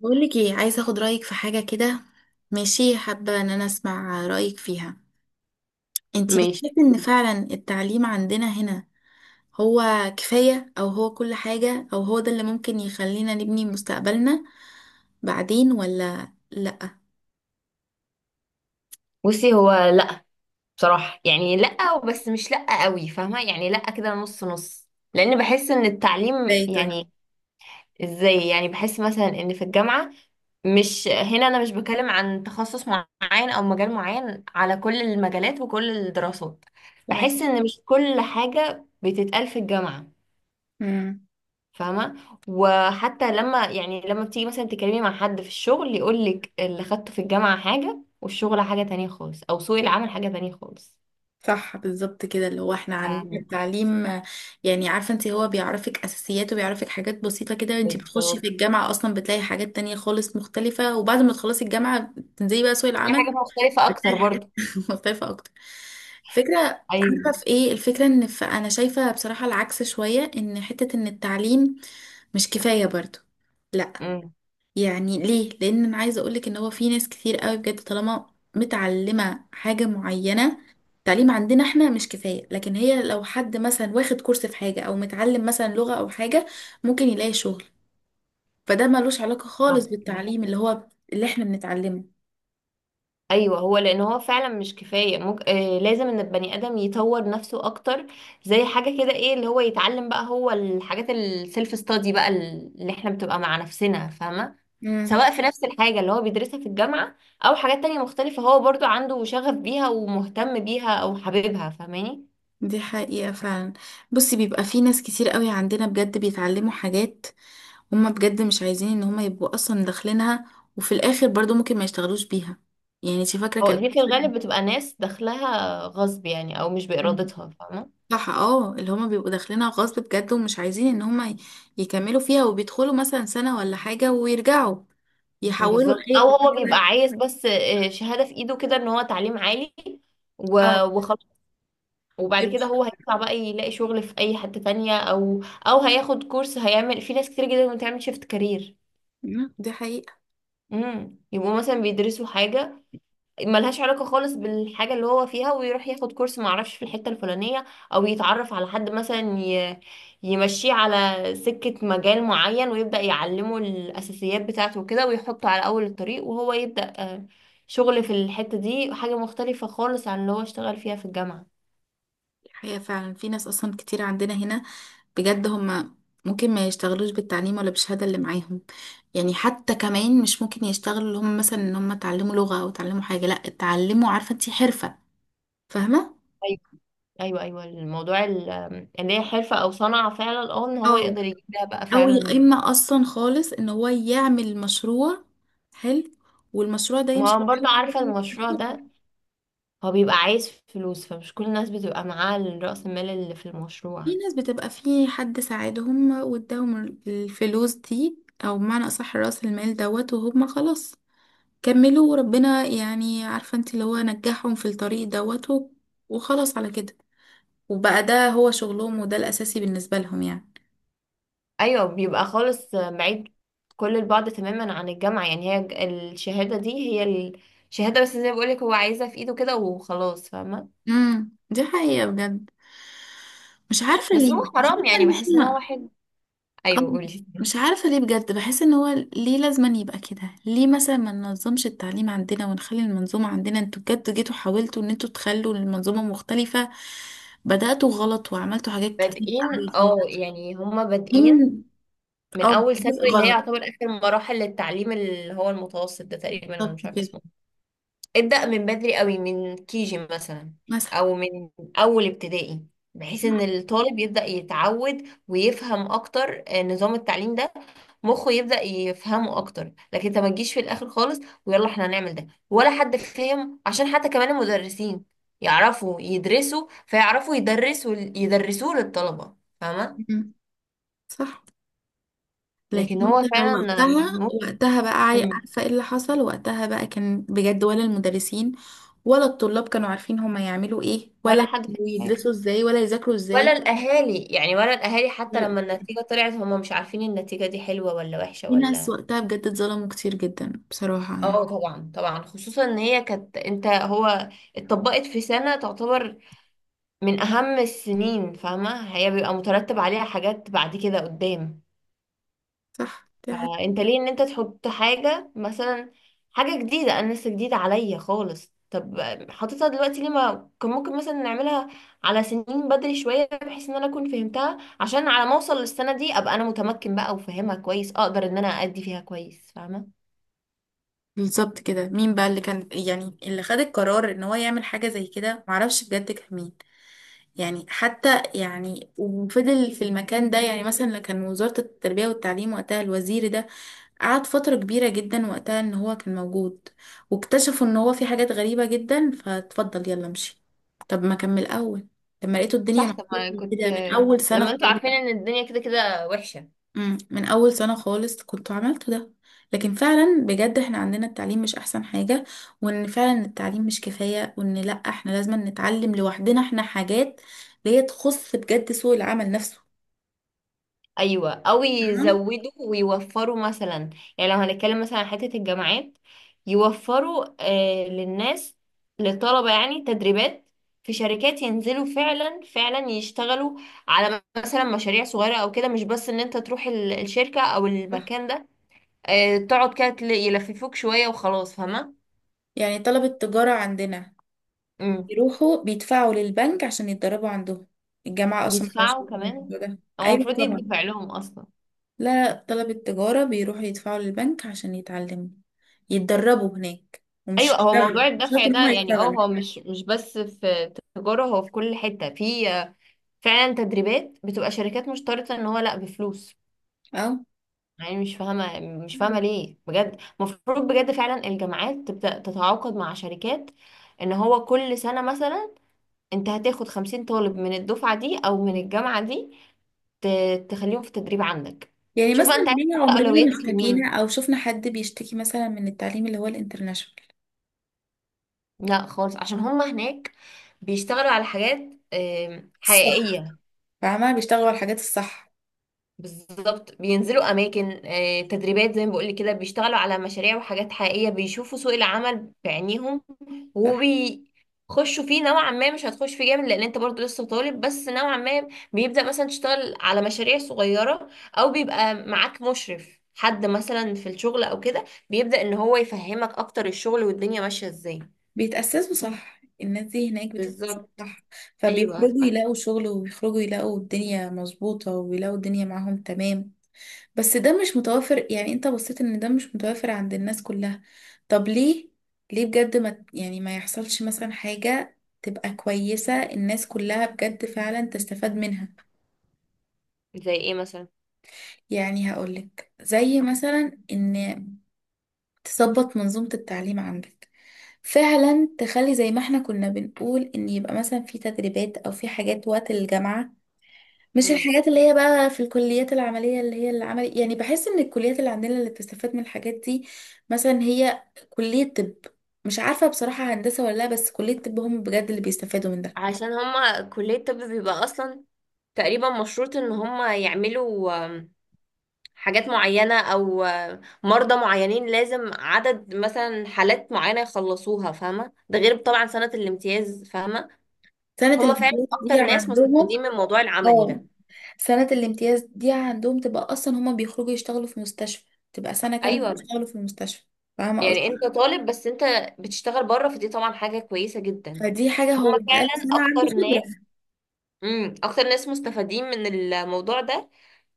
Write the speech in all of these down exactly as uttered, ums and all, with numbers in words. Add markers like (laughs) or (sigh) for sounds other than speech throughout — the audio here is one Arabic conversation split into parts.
بقول لك ايه، عايزه اخد رايك في حاجه كده. ماشي، حابه ان انا اسمع رايك فيها. انتي بتحسي ماشي. ان فعلا التعليم عندنا هنا هو كفايه، او هو كل حاجه، او هو ده اللي ممكن يخلينا نبني مستقبلنا بعدين ولا لا؟ بصي، هو لا. بصراحة يعني لا، بس مش لا قوي، فاهمة؟ يعني لا كده، نص نص. لأن بحس إن التعليم ازاي طيب؟ يعني ازاي يعني؟ بحس مثلا إن في الجامعة، مش هنا، أنا مش بكلم عن تخصص معين أو مجال معين، على كل المجالات وكل الدراسات. تمام. بحس إن مش كل حاجة بتتقال في الجامعة، امم فاهمة؟ وحتى لما يعني لما بتيجي مثلا تكلمي مع حد في الشغل، يقولك اللي خدته في الجامعة حاجة والشغل حاجة تانية خالص، أو سوق العمل حاجة تانية خالص. صح، بالظبط كده اللي هو احنا عندنا أم، التعليم، آه، يعني عارفه انت هو بيعرفك اساسيات وبيعرفك حاجات بسيطه كده. انت بتخشي في بالظبط، الجامعه اصلا بتلاقي حاجات تانية خالص مختلفه، وبعد ما تخلصي الجامعه تنزلي بقى سوق دي حاجة العمل. مختلفة أكتر مرتاحة. برضو. (laughs) مختلفة أكتر. فكرة. عارفة أيوة. في إيه الفكرة، إن ف- أنا شايفة بصراحة العكس شوية، إن حتة إن التعليم مش كفاية برضو. لا، أم، يعني ليه؟ لأن أنا عايزة أقولك إن هو في ناس كتير قوي بجد، طالما متعلمة حاجة معينة. التعليم عندنا احنا مش كفاية، لكن هي لو حد مثلا واخد كورس في حاجة، أو متعلم مثلا لغة أو حاجة، ممكن يلاقي شغل. فده ملوش علاقة خالص صح بالتعليم ماشي. اللي هو اللي احنا بنتعلمه. أيوة، هو لأن هو فعلا مش كفاية ممكن، آه لازم إن البني آدم يطور نفسه أكتر. زي حاجة كده، إيه اللي هو يتعلم بقى؟ هو الحاجات السيلف ستادي بقى، اللي إحنا بتبقى مع نفسنا، فاهمة؟ سواء في نفس الحاجة اللي هو بيدرسها في الجامعة، أو حاجات تانية مختلفة هو برضو عنده شغف بيها ومهتم بيها أو حاببها، فاهماني؟ دي حقيقة فعلا. بصي، بيبقى في ناس كتير قوي عندنا بجد بيتعلموا حاجات هما بجد مش عايزين ان هما يبقوا اصلا داخلينها، وفي الاخر برضو ممكن ما يشتغلوش بيها. يعني انت فاكرة هو كان. دي في الغالب بتبقى ناس داخلها غصب يعني، أو مش مم. بإرادتها، فاهمة؟ صح اه، اللي هما بيبقوا داخلينها غصب بجد، ومش عايزين ان هما ي- يكملوا فيها، وبيدخلوا مثلا سنة ولا حاجة ويرجعوا يحولوا بالظبط، لأي او كلية هو بيبقى تانية. عايز بس آه، شهادة في ايده كده، ان هو تعليم عالي و- اه. وخلاص. وبعد كده هو بيروحوا. هيطلع بقى يلاقي شغل في اي حتة تانية، او او هياخد كورس. هيعمل، في ناس كتير جدا بتعمل شيفت كارير، مم. دي حقيقة. امم يبقوا مثلا بيدرسوا حاجة ملهاش علاقة خالص بالحاجة اللي هو فيها، ويروح ياخد كورس معرفش في الحتة الفلانية، أو يتعرف على حد مثلا ي- يمشيه على سكة مجال معين، ويبدأ يعلمه الأساسيات بتاعته وكده، ويحطه على أول الطريق وهو يبدأ آه، شغل في الحتة دي، حاجة مختلفة خالص عن اللي هو اشتغل فيها في الجامعة. دي حقيقة فعلا، في ناس اصلا كتير عندنا هنا بجد هما ممكن ما يشتغلوش بالتعليم ولا بالشهادة اللي معاهم. يعني حتى كمان مش ممكن يشتغلوا اللي هم مثلا ان هم اتعلموا لغة او اتعلموا حاجة، لا اتعلموا عارفة انتي حرفة. فاهمة. أيوة، أيوة أيوة، الموضوع ال- اللي هي حرفة أو صنعة فعلا، اه إن هو اه، يقدر يجيب ده بقى او يا فعلا. اما اصلا خالص ان هو يعمل مشروع حلو والمشروع ده ما يمشي هو في برضه عارفة، المشروع الشغل. ده هو بيبقى عايز فلوس، فمش كل الناس بتبقى معاه رأس المال اللي في في المشروع. ناس بتبقى في حد ساعدهم واداهم الفلوس دي، او بمعنى اصح راس المال دوت، وهم خلاص كملوا، وربنا يعني عارفة انت اللي هو نجحهم في الطريق دوت و- وخلاص على كده، وبقى ده هو شغلهم، وده الأساسي بالنسبة لهم يعني. ايوه، بيبقى خالص بعيد كل البعد تماما عن الجامعة، يعني هي ج- الشهادة دي هي الشهادة بس، زي ما بقولك هو عايزها في ايده كده وخلاص، فاهمة؟ امم دي حقيقة بجد. مش عارفة بس ليه، هو مش حرام، عارفة يعني ان بحس ان هو احنا، واحد. آه، ايوه قولي. مش عارفة ليه بجد، بحس ان هو ليه لازم يبقى كده؟ ليه مثلا ما ننظمش التعليم عندنا ونخلي المنظومة عندنا؟ انتوا بجد جيتوا حاولتوا ان انتوا تخلوا المنظومة مختلفة، بدأتوا غلط وعملتوا حاجات كتير بادئين قوي اه غلط. يعني هما بادئين من- من اه، اول جزء ثانوي، اللي هي غلط. يعتبر اخر مراحل التعليم، اللي هو المتوسط ده تقريبا، انا بالظبط مش عارفة كده. اسمه. ابدأ من بدري قوي، من كيجي مثلا، مثلا. او من اول ابتدائي، بحيث ان الطالب يبدأ يتعود ويفهم اكتر آه، نظام التعليم ده، مخه يبدأ يفهمه اكتر. لكن انت ما تجيش في الاخر خالص، ويلا احنا هنعمل ده، ولا حد فاهم. عشان حتى كمان المدرسين يعرفوا يدرسوا، فيعرفوا يدرسوا يدرسوه للطلبة، فاهمة؟ مم. صح. لكن لكن انت هو لو فعلا وقتها وقتها بقى عاي- ممكن، عارفة ايه اللي حصل وقتها بقى؟ كان بجد ولا المدرسين ولا الطلاب كانوا عارفين هما يعملوا ايه؟ ولا ولا حد فاهم حاجة، يدرسوا ازاي ولا يذاكروا ولا ازاي؟ الاهالي يعني ولا الاهالي، حتى ولا- لما يعني النتيجه طلعت هم مش عارفين النتيجه دي حلوه ولا وحشه في ناس ولا. وقتها بجد اتظلموا كتير جدا، بصراحة يعني. اه طبعا طبعا، خصوصا ان هي كانت، انت، هو اتطبقت في سنه تعتبر من اهم السنين، فاهمه؟ هي بيبقى مترتب عليها حاجات بعد كده قدام. صح، دي حاجة. فانت ليه ان انت تحط حاجة مثلا، حاجة جديدة انا لسه جديدة عليا خالص؟ طب حاططها دلوقتي ليه؟ ما كان ممكن مثلا نعملها على سنين بدري شوية، بحيث ان انا اكون فهمتها، عشان على ما اوصل للسنة دي ابقى انا متمكن بقى وفاهمها كويس، اقدر ان انا ادي فيها كويس، فاهمة؟ بالظبط كده. مين بقى اللي كان يعني اللي خد القرار ان هو يعمل حاجة زي كده؟ معرفش بجد كان مين. يعني حتى يعني وفضل في المكان ده، يعني مثلا كان وزارة التربية والتعليم وقتها، الوزير ده قعد فترة كبيرة جدا وقتها ان هو كان موجود، واكتشفوا ان هو في حاجات غريبة جدا، فاتفضل يلا امشي. طب ما كمل الاول، لما لقيته الدنيا صح، طب ما محبوبة كنت كده من اول سنة لما انتوا عارفين خالص؟ ان الدنيا كده كده وحشة. أمم، من اول سنة خالص كنت عملت ده. لكن فعلا بجد احنا عندنا التعليم مش احسن حاجة، وان فعلا التعليم مش كفاية، وان لا احنا لازم نتعلم لوحدنا احنا حاجات اللي هي تخص بجد سوق العمل نفسه. ايوه، او تمام؟ يزودوا ويوفروا مثلا، يعني لو هنتكلم مثلا عن حته الجامعات، يوفروا آه للناس، للطلبه يعني تدريبات في شركات ينزلوا فعلا فعلا يشتغلوا على مثلا مشاريع صغيره او كده، مش بس ان انت تروح ال- الشركه او المكان ده، آه تقعد كده تل- يلففوك شويه وخلاص، فاهمه؟ يعني طلبة تجارة عندنا امم يروحوا بيدفعوا للبنك عشان يتدربوا عندهم. الجامعة أصلا ملهاش يدفعوا دعوة كمان؟ بالموضوع ده. هو أيوة المفروض طبعا. يدفع لهم اصلا. لا لا، طلبة تجارة بيروحوا يدفعوا للبنك عشان يتعلموا يتدربوا هناك ومش ايوه، هو يشتغلوا، موضوع مش شرط الدفع إن ده هما يعني، اه يشتغلوا. هو مش مش بس في تجارة، هو في كل حتة، في آه، فعلا تدريبات بتبقى شركات مشترطة ان هو لا بفلوس. أه. يعني مش فاهمة، مش فاهمة ليه بجد. المفروض بجد فعلا الجامعات تبدأ تتعاقد مع شركات، ان هو كل سنة مثلا انت هتاخد خمسين طالب من الدفعة دي او من الجامعة دي، ت- تخليهم في تدريب عندك. يعني شوف بقى مثلا انت عايز ليه تحط عمرنا ما اولوياتك اشتكينا لمين. أو شفنا حد بيشتكي مثلا من التعليم اللي هو الانترناشونال؟ لا خالص، عشان هما هناك بيشتغلوا على حاجات آم، الصح. حقيقية. فاهمة، بيشتغلوا على الحاجات الصح. بالظبط، بينزلوا اماكن، آه، تدريبات زي ما بقول كده، بيشتغلوا على مشاريع وحاجات حقيقيه، بيشوفوا سوق العمل بعينيهم، وبيخشوا فيه نوعا ما. مش هتخش فيه جامد لان انت برضو لسه طالب، بس نوعا ما بيبدا مثلا تشتغل على مشاريع صغيره، او بيبقى معاك مشرف، حد مثلا في الشغل او كده، بيبدا ان هو يفهمك اكتر الشغل والدنيا ماشيه ازاي. بيتأسسوا صح، الناس دي هناك بتتأسس بالظبط. صح. ايوه فبيخرجوا صح. يلاقوا شغل، وبيخرجوا يلاقوا الدنيا مظبوطة، ويلاقوا الدنيا معاهم تمام. بس ده مش متوافر. يعني انت بصيت ان ده مش متوافر عند الناس كلها. طب ليه؟ ليه بجد ما يعني ما يحصلش مثلا حاجة تبقى كويسة الناس كلها بجد فعلا تستفاد منها؟ زي ايه مثلا؟ يعني هقولك زي مثلا ان تظبط منظومة التعليم عندك، فعلا تخلي زي ما احنا كنا بنقول ان يبقى مثلا في تدريبات او في حاجات وقت الجامعة. مش امم الحاجات اللي هي بقى في الكليات العملية اللي هي العمل، يعني بحس ان الكليات اللي عندنا اللي بتستفاد من الحاجات دي، مثلا هي كلية طب، مش عارفة بصراحة هندسة ولا لا، بس كلية طب هم بجد اللي بيستفادوا من ده. عشان هما كلية الطب بيبقى اصلا تقريبا مشروط ان هم يعملوا آم، حاجات معينة، او آم، مرضى معينين، لازم عدد مثلا حالات معينة يخلصوها، فاهمة؟ ده غير طبعا سنة الامتياز، فاهمة؟ سنة هم فعلا الامتياز دي اكتر ناس عندهم. مستفيدين من الموضوع العملي اه، ده. سنة الامتياز دي عندهم تبقى اصلا هما بيخرجوا يشتغلوا في مستشفى، تبقى سنة كاملة ايوه، بيشتغلوا في المستشفى. فاهمة يعني قصدي؟ انت طالب بس انت بتشتغل بره، فدي طبعا حاجة كويسة جدا. فدي حاجة، هو هم بقاله فعلا سنة عنده اكتر خبرة. ناس، امم اكتر ناس مستفادين من الموضوع ده.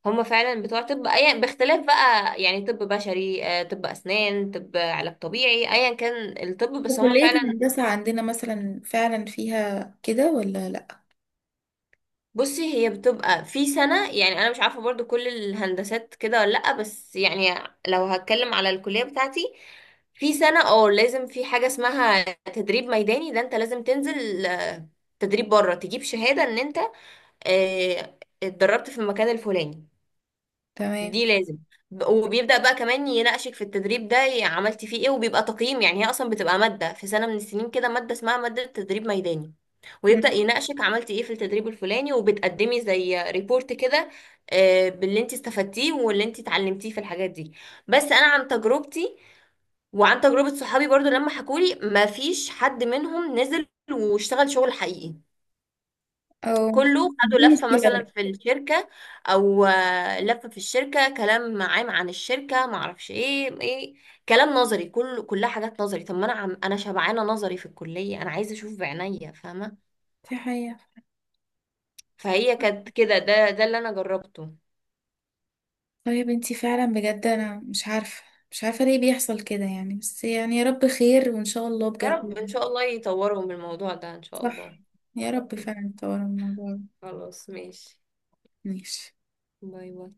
هم فعلا بتوع طب، اي باختلاف بقى، يعني طب بشري، آه، طب اسنان، طب علاج طبيعي، ايا كان الطب، بس هم وكلية فعلا. الهندسة عندنا مثلا فعلا فيها كده ولا لأ؟ بصي، هي بتبقى في سنة، يعني انا مش عارفة برضو كل الهندسات كده ولا لا، بس يعني لو هتكلم على الكلية بتاعتي، في سنة اه لازم في حاجة اسمها تدريب ميداني، ده انت لازم تنزل آه، تدريب بره، تجيب شهادة ان انت آه، اتدربت في المكان الفلاني. تمام. دي لازم، ب- وبيبدأ بقى كمان يناقشك في التدريب ده، ي- عملتي فيه ايه؟ وبيبقى تقييم، يعني هي اصلا بتبقى مادة في سنة من السنين كده، مادة اسمها مادة تدريب ميداني، ويبدأ مم. يناقشك عملتي ايه في التدريب الفلاني، وبتقدمي زي ريبورت كده آه، باللي انت استفدتيه واللي انت اتعلمتيه في الحاجات دي. بس انا عن تجربتي، وعن تجربة صحابي برضو لما حكولي، ما فيش حد منهم نزل واشتغل شغل حقيقي، أو. كله دي خدوا لفة مشكلة مثلا بقى. في الشركة، او آه، لفة في الشركة، كلام عام عن الشركة، معرفش ايه ايه، كلام نظري، كل كلها حاجات نظري. طب ما انا، عم انا شبعانة نظري في الكلية، انا عايزة اشوف بعينيا، فاهمة؟ دي حقيقة. فهي كانت كده، ده ده اللي انا جربته. طيب، انتي فعلا بجد أنا مش عارفة، مش عارفة ليه بيحصل كده يعني، بس يعني يا رب خير، وإن شاء الله يا بجد. رب ان شاء الله يطوروا من الموضوع ده ان شاء صح. الله. يا رب (laughs) فعلا تطور الموضوع ده. خلاص ماشي. ماشي. باي باي.